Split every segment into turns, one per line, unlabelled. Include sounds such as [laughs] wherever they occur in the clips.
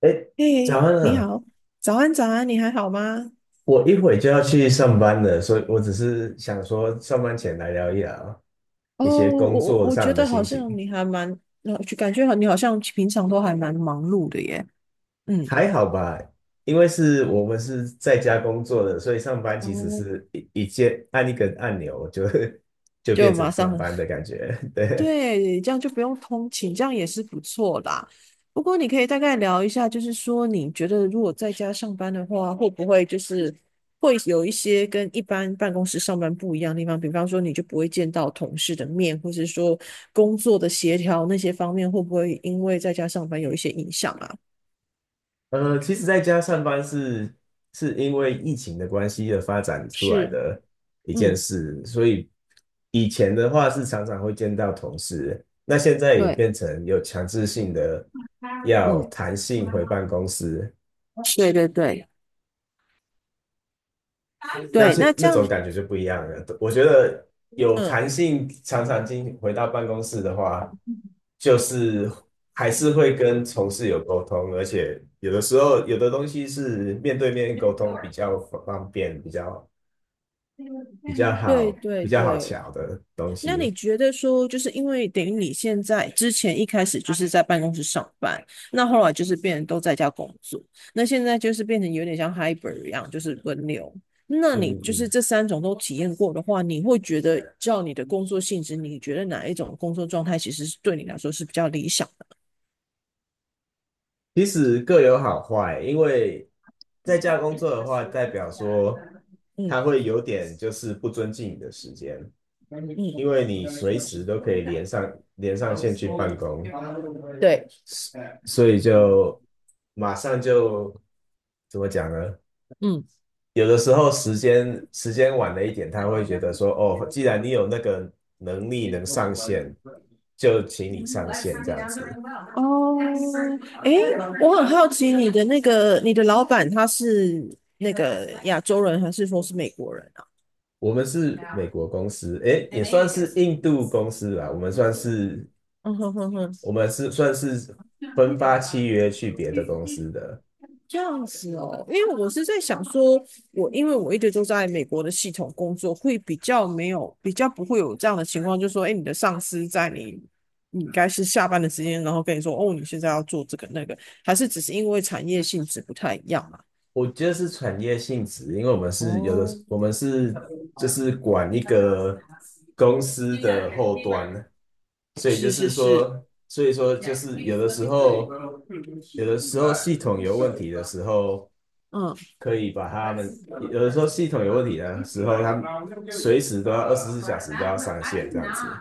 哎，早
嘿，
安
你
啊！
好，早安，早安，你还好吗？
我一会就要去上班了，所以我只是想说，上班前来聊一聊
哦，
一些工
我
作
我觉
上的
得好
心情，
像你还蛮，就感觉好你好像平常都还蛮忙碌的耶。嗯，
还好吧？因为我们是在家工作的，所以上班其实
哦，
是一键按一个按钮就 [laughs] 就
就
变成
马
上
上
班的感觉。[laughs] 对，
对，这样就不用通勤，这样也是不错啦。不过你可以大概聊一下，就是说你觉得如果在家上班的话，会不会就是会有一些跟一般办公室上班不一样的地方？比方说，你就不会见到同事的面，或是说工作的协调那些方面，会不会因为在家上班有一些影响啊？
其实在家上班是因为疫情的关系而发展出来
是，
的一件
嗯，
事，所以以前的话是常常会见到同事，那现在也
对，
变成有强制性的要
嗯，
弹性回办公室，
对对对
那
对，那
是
这
那
样，
种感觉就不一样了。我觉得有
嗯，
弹性，常常进回到办公室的话，就是还是会跟同事有沟通，而且有的时候有的东西是面对面沟通比较方便，比较比较
对
好，
对
比较好
对。
瞧的东
那你
西。
觉得说，就是因为等于你现在之前一开始就是在办公室上班，那后来就是变成都在家工作，那现在就是变成有点像 hybrid 一样，就是轮流。那
嗯
你就是
嗯，
这三种都体验过的话，你会觉得照你的工作性质，你觉得哪一种工作状态其实是对你来说是比较理想的？
其实各有好坏，因为在家工作的话，代表说
嗯
他会有点就是不尊敬你的时间。
嗯，
因为你随时都可以连上线去办公，所以就马上就怎么讲呢？
嗯。
有的时候时间晚了一点，他会觉得说，哦，既然你有那个能力能上线，就请你上线这样子。
哦，哎，我很好奇你的那个你的老板他是那个亚洲人还是说是美国人啊？
我们是美国公司，诶，也算是印度公司啦，我们算是
嗯哼哼哼，
我们是算是分发契约去别的公司的。
这样子哦，因为我是在想说，因为我一直都在美国的系统工作，会比较没有比较不会有这样的情况，就是说，哎，你的上司在你应该是下班的时间，然后跟你说，哦，你现在要做这个那个，还是只是因为产业性质不太一样嘛？
我觉得是产业性质，因为我们是有的，
哦，
我们是就是管一个公司的后端，所以就
是
是
是是，
说，所以说就是有的时候，系统有问题的时候，
嗯。
可以把他们，有的时候系统有问题的时候，他们随时都要24小时都要上线这样子。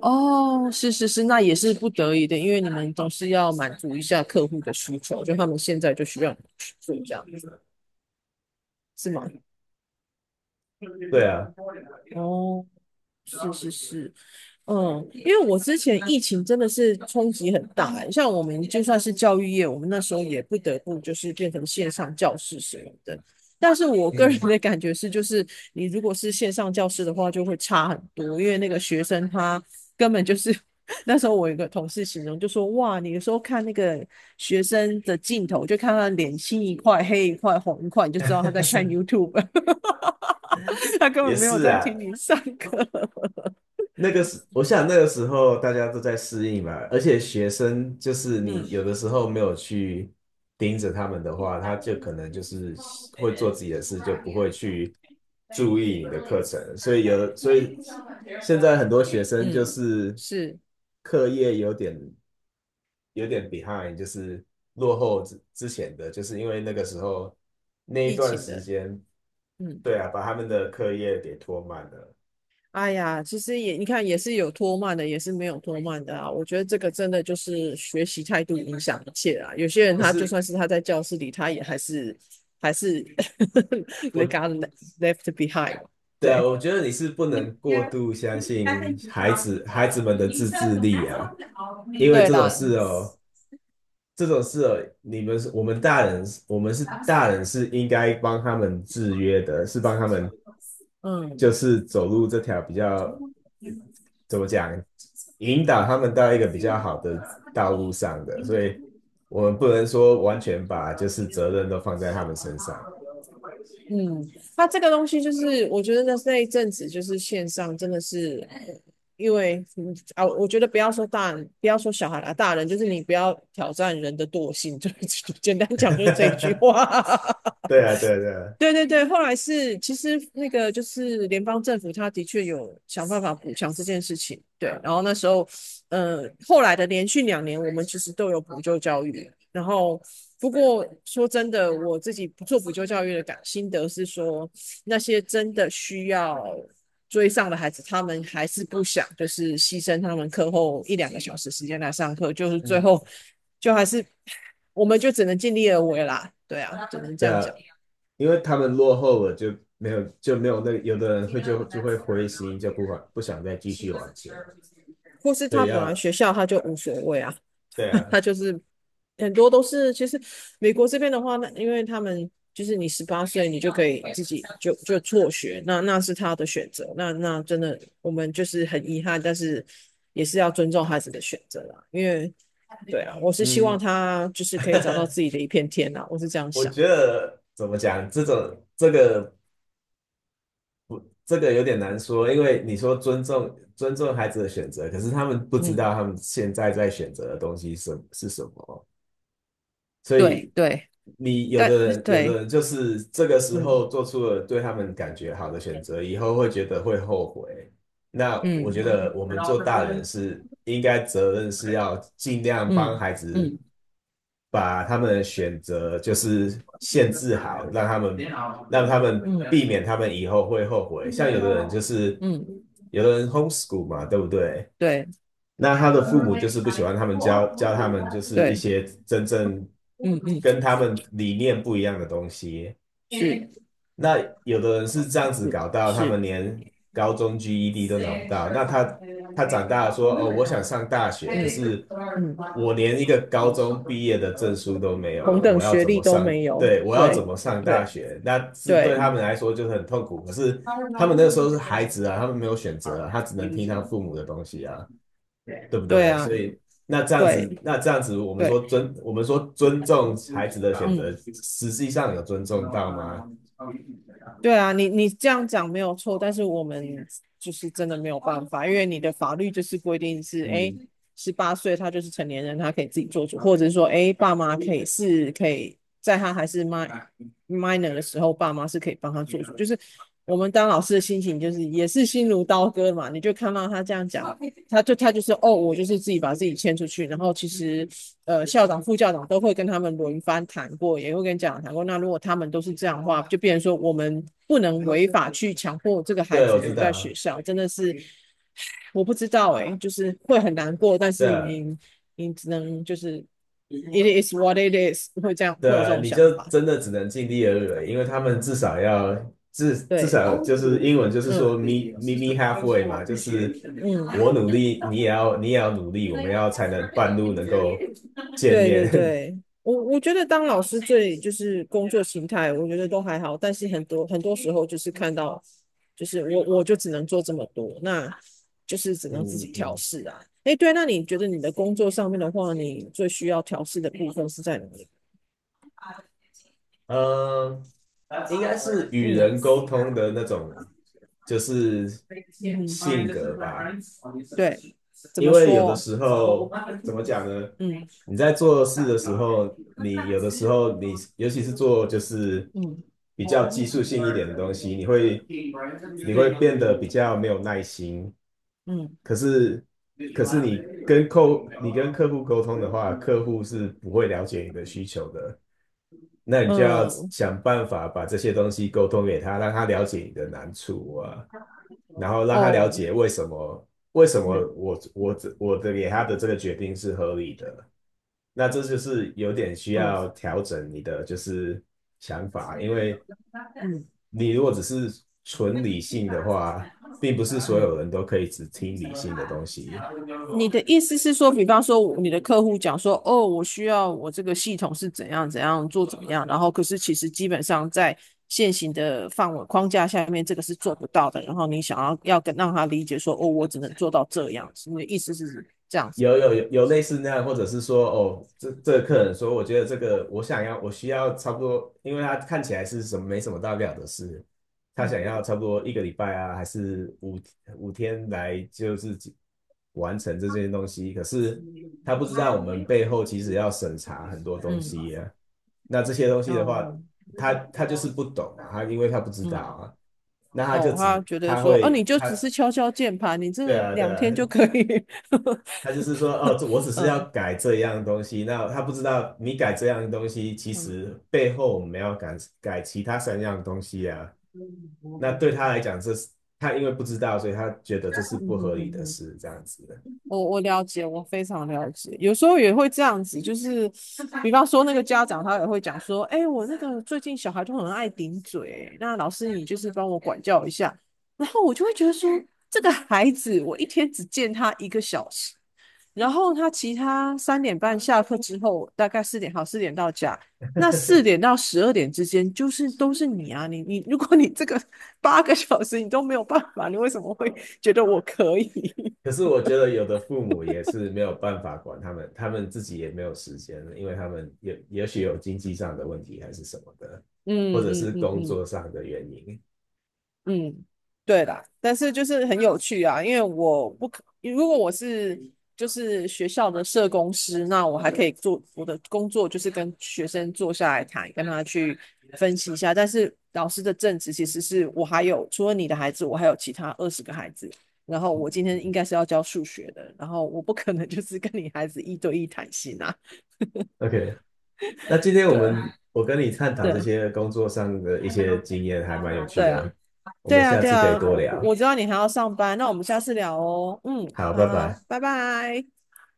哦，是是是，那也是不得已的，因为你们总是要满足一下客户的需求，就他们现在就需要你们去做这样子，是吗？
对啊，
哦，是是是，嗯，因为我之前疫情真的是冲击很大欸，像我们就算是教育业，我们那时候也不得不就是变成线上教室什么的。但是我个人
嗯，
的感觉是，就是你如果是线上教室的话，就会差很多，因为那个学生他根本就是 [laughs] 那时候我有一个同事形容就说，哇，你有时候看那个学生的镜头，就看他脸青一块、黑一块、红一块，你就知道他在看 YouTube，[laughs] 他根本
也
没有
是
在
啊，
听你上课。[laughs]
那个时，我想那个时候大家都在适应嘛，而且学生就是你
嗯。
有的时候没有去盯着他们的话，他就可能就是会做自己的事，就不会去注意你的课
Elise。
程，所以现在很多学生就
嗯，
是
是
课业有点 behind,就是落后之前的，就是因为那个时候那一
疫
段
情
时
的。
间，
嗯，
对啊，把他们的课业给拖慢了。
哎呀，其实也你看，也是有拖慢的，也是没有拖慢的啊。我觉得这个真的就是学习态度影响一切啊。有些人
可
他就
是
算是他在教室里，他也还是 [laughs] 被
我
got left behind。
对啊，
对
我觉得你是不能过度相信
，facing
孩
across
子孩子们的自
turn
制
the
力
mat
啊，
over。
因为
对
这种
的，
事哦，这种事哦，你们是我们大人，我们是大人是应该帮他们制约的，是帮他们就
嗯
是走路这条比较呃怎么讲，引导他们到一个比较好的道路上的，所以我们不能说完全把就是责任都放在他们身上。
嗯。它这个东西就是，我觉得那那一阵子就是线上真的是，因为嗯啊，我觉得不要说大人，不要说小孩啊，大人就是你不要挑战人的惰性，就 [laughs] 是简单讲就是这一句
[laughs]
话。
对啊，对啊，对啊，
对对对，后来是其实那个就是联邦政府，他的确有想办法补强这件事情。对，然后那时候，后来的连续2年，我们其实都有补救教育。然后，不过说真的，我自己不做补救教育的感心得是说，那些真的需要追上的孩子，他们还是不想，就是牺牲他们课后1、2个小时时间来上课，就是最
嗯，
后就还是我们就只能尽力而为啦。对啊，只能这
对
样
啊，
讲。
因为他们落后了，就没有那有的人会就会灰心，就不管不想再继续往前了。
或是
对
他本来
呀，
学校他就无所谓啊，
对啊，
[laughs] 他就是很多都是，其实美国这边的话，那因为他们就是你十八岁你就可以自己就辍学，那那是他的选择，那那真的我们就是很遗憾，但是也是要尊重孩子的选择啦，因为对啊，我是希望
嗯，
他就是可以找到
[laughs]
自己的一片天啦，我是这样
我
想，
觉得怎么讲，这个有点难说，因为你说尊重孩子的选择，可是他们不知
嗯，
道他们现在在选择的东西是什么。所
对
以
对，
你有
但
的人，有的
对，
人就是这个时
嗯
候做出了对他们感觉好的选择，以后会觉得会后悔。那我觉
嗯
得我们做大人是应该责任是要尽量帮
嗯
孩
嗯
子
嗯。
把他们的选择就是限制好，让他们避免他们以后会后悔。像有的人就是
嗯，
有的人 homeschool 嘛，对不对？
对
那他的父母就是不喜欢他们教他们就是一
对，
些真正
嗯嗯，
跟他们理念不一样的东西。
是
那有的人是这样子搞到，他
是
们
是，
连高中 GED 都拿不到。那他长大了说，哦，我想上大学，可是
嗯
我连一
嗯，
个高中毕业的证书都没有，
同
我
等
要
学
怎
历
么
都
上？
没有，
对，我要怎
对
么上大
对
学？那是对他
对
们来说就是很痛苦。可是他们那个时候是孩子啊，他们没有选择啊，他只能听他父母的东西啊。对不
对
对？
啊，
所以那这样子，
对
那这样子，我们说
对，
尊，我们说尊重孩子的选
嗯。
择，实际上有尊重到吗？
对啊，你你这样讲没有错，但是我们就是真的没有办法，因为你的法律就是规定是，哎，
嗯，
十八岁他就是成年人，他可以自己做主，或者是说，哎，爸妈可以是可以在他还是 min o r minor 的时候，爸妈是可以帮他做主，就是我们当老师的心情就是也是心如刀割嘛，你就看到他这样讲，他就是哦，我就是自己把自己牵出去，然后其实校长、副校长都会跟他们轮番谈过，也会跟家长谈过。那如果他们都是这样的话，就变成说我们不能违法去强迫这个孩
对，
子
我知
留在
道，
学校，真的是我不知道诶、欸就是会很难过，但是
对
你只能就是 it is what it is，会这样会有这
对，
种
你
想
就
法，
真的只能尽力而为，因为他们至少要至至
对，
少就是英文就是
嗯。
说 me me
嗯。
me halfway 嘛，就是我努力，你也要努力，我们要才能半路能够见
对对
面。
对，我觉得当老师最就是工作形态，我觉得都还好，但是很多很多时候就是看到，就是我就只能做这么多，那就是只
[laughs]
能自
嗯
己
嗯
调
嗯。
试啊。诶，对，那你觉得你的工作上面的话，你最需要调试的部分是在哪里？
嗯，应
嗯
该是与人沟通的那种，就是性格
嗯，
吧。
对，怎
因
么
为有的
说？
时候，怎么讲呢？
嗯
你在做事的时候，你有的时候你，尤其是做就是
嗯，
比较技术性一点的东西，你会变
对，
得比较没有耐心。
嗯
可是，可是你跟客户沟通的话，客户是不会了解你的需求的。那你就要
嗯。
想办法把这些东西沟通给他，让他了解你的难处啊，然后让他了
哦，
解为什么我的给他的这个决定是合理的。那这就是有点需要
嗯
调整你的就是想法，因为
嗯
你如果只是纯理性的话，并不是所有人都可以只听理性的东西。
嗯，你的意思是说，比方说你的客户讲说，哦，我需要我这个系统是怎样怎样做怎么样，然后可是其实基本上在现行的范围框架下面，这个是做不到的。然后你想要跟让他理解说，哦，我只能做到这样子。你的意思是这样子？
有类似那样，或者是说，哦，这个客人说，我觉得这个我需要差不多，因为他看起来是什么没什么大不了的事，他
嗯
想要差不多一个礼拜啊，还是五天来就是完成这件东西，可是他不知道我们背后其实要审查很多东
嗯，
西啊，那这些东西的话，
哦
他就是不懂嘛，他因为他不知道
嗯。
啊，那他就
哦，他
只
觉得
他
说，哦，你
会
就
他
只是敲敲键盘，你这
对
个
啊对
两
啊，
天就可以。
他就是说，哦，这我
[laughs]
只是要
嗯
改这样东西，那他不知道你改这样东西，其
嗯
实背后我们要改改其他三样东西啊。那对他来讲，这是他因为不知道，所以他觉得这是
嗯
不
嗯
合理
嗯，
的
哼，
事，这样子。的。
我了解，我非常了解。有时候也会这样子，就是比方说那个家长他也会讲说，哎、我那个最近小孩都很爱顶嘴，那老师你就是帮我管教一下。然后我就会觉得说，这个孩子我一天只见他1个小时，然后他其他3点半下课之后，大概四点好，四点到家。那四点到12点之间，就是都是你啊，你，如果你这个 [laughs] 8个小时你都没有办法，你为什么会觉得我可以？
可
[laughs]
是我觉得有的父母也是没有办法管他们，他们自己也没有时间，因为他们也也许有经济上的问题还是什么的，或
嗯
者
嗯
是
嗯
工作
嗯，
上的原因。
嗯，对啦，但是就是很有趣啊，因为我不可，如果我是就是学校的社工师，那我还可以做我的工作，就是跟学生坐下来谈，跟他去分析一下。但是老师的正职其实是我还有除了你的孩子，我还有其他20个孩子，然后我今天应该是要教数学的，然后我不可能 [laughs] 就是跟你孩子一对一谈心啊，
OK,那今
[laughs]
天我
对
们我跟你探讨这
对
些工作上的一些经验，还蛮有趣
对啊。
的，我
对
们
啊，
下
对
次可以
啊，
多
我
聊。
我知道你还要上班，那我们下次聊哦。嗯，
好，
好
拜
好，
拜。
拜拜。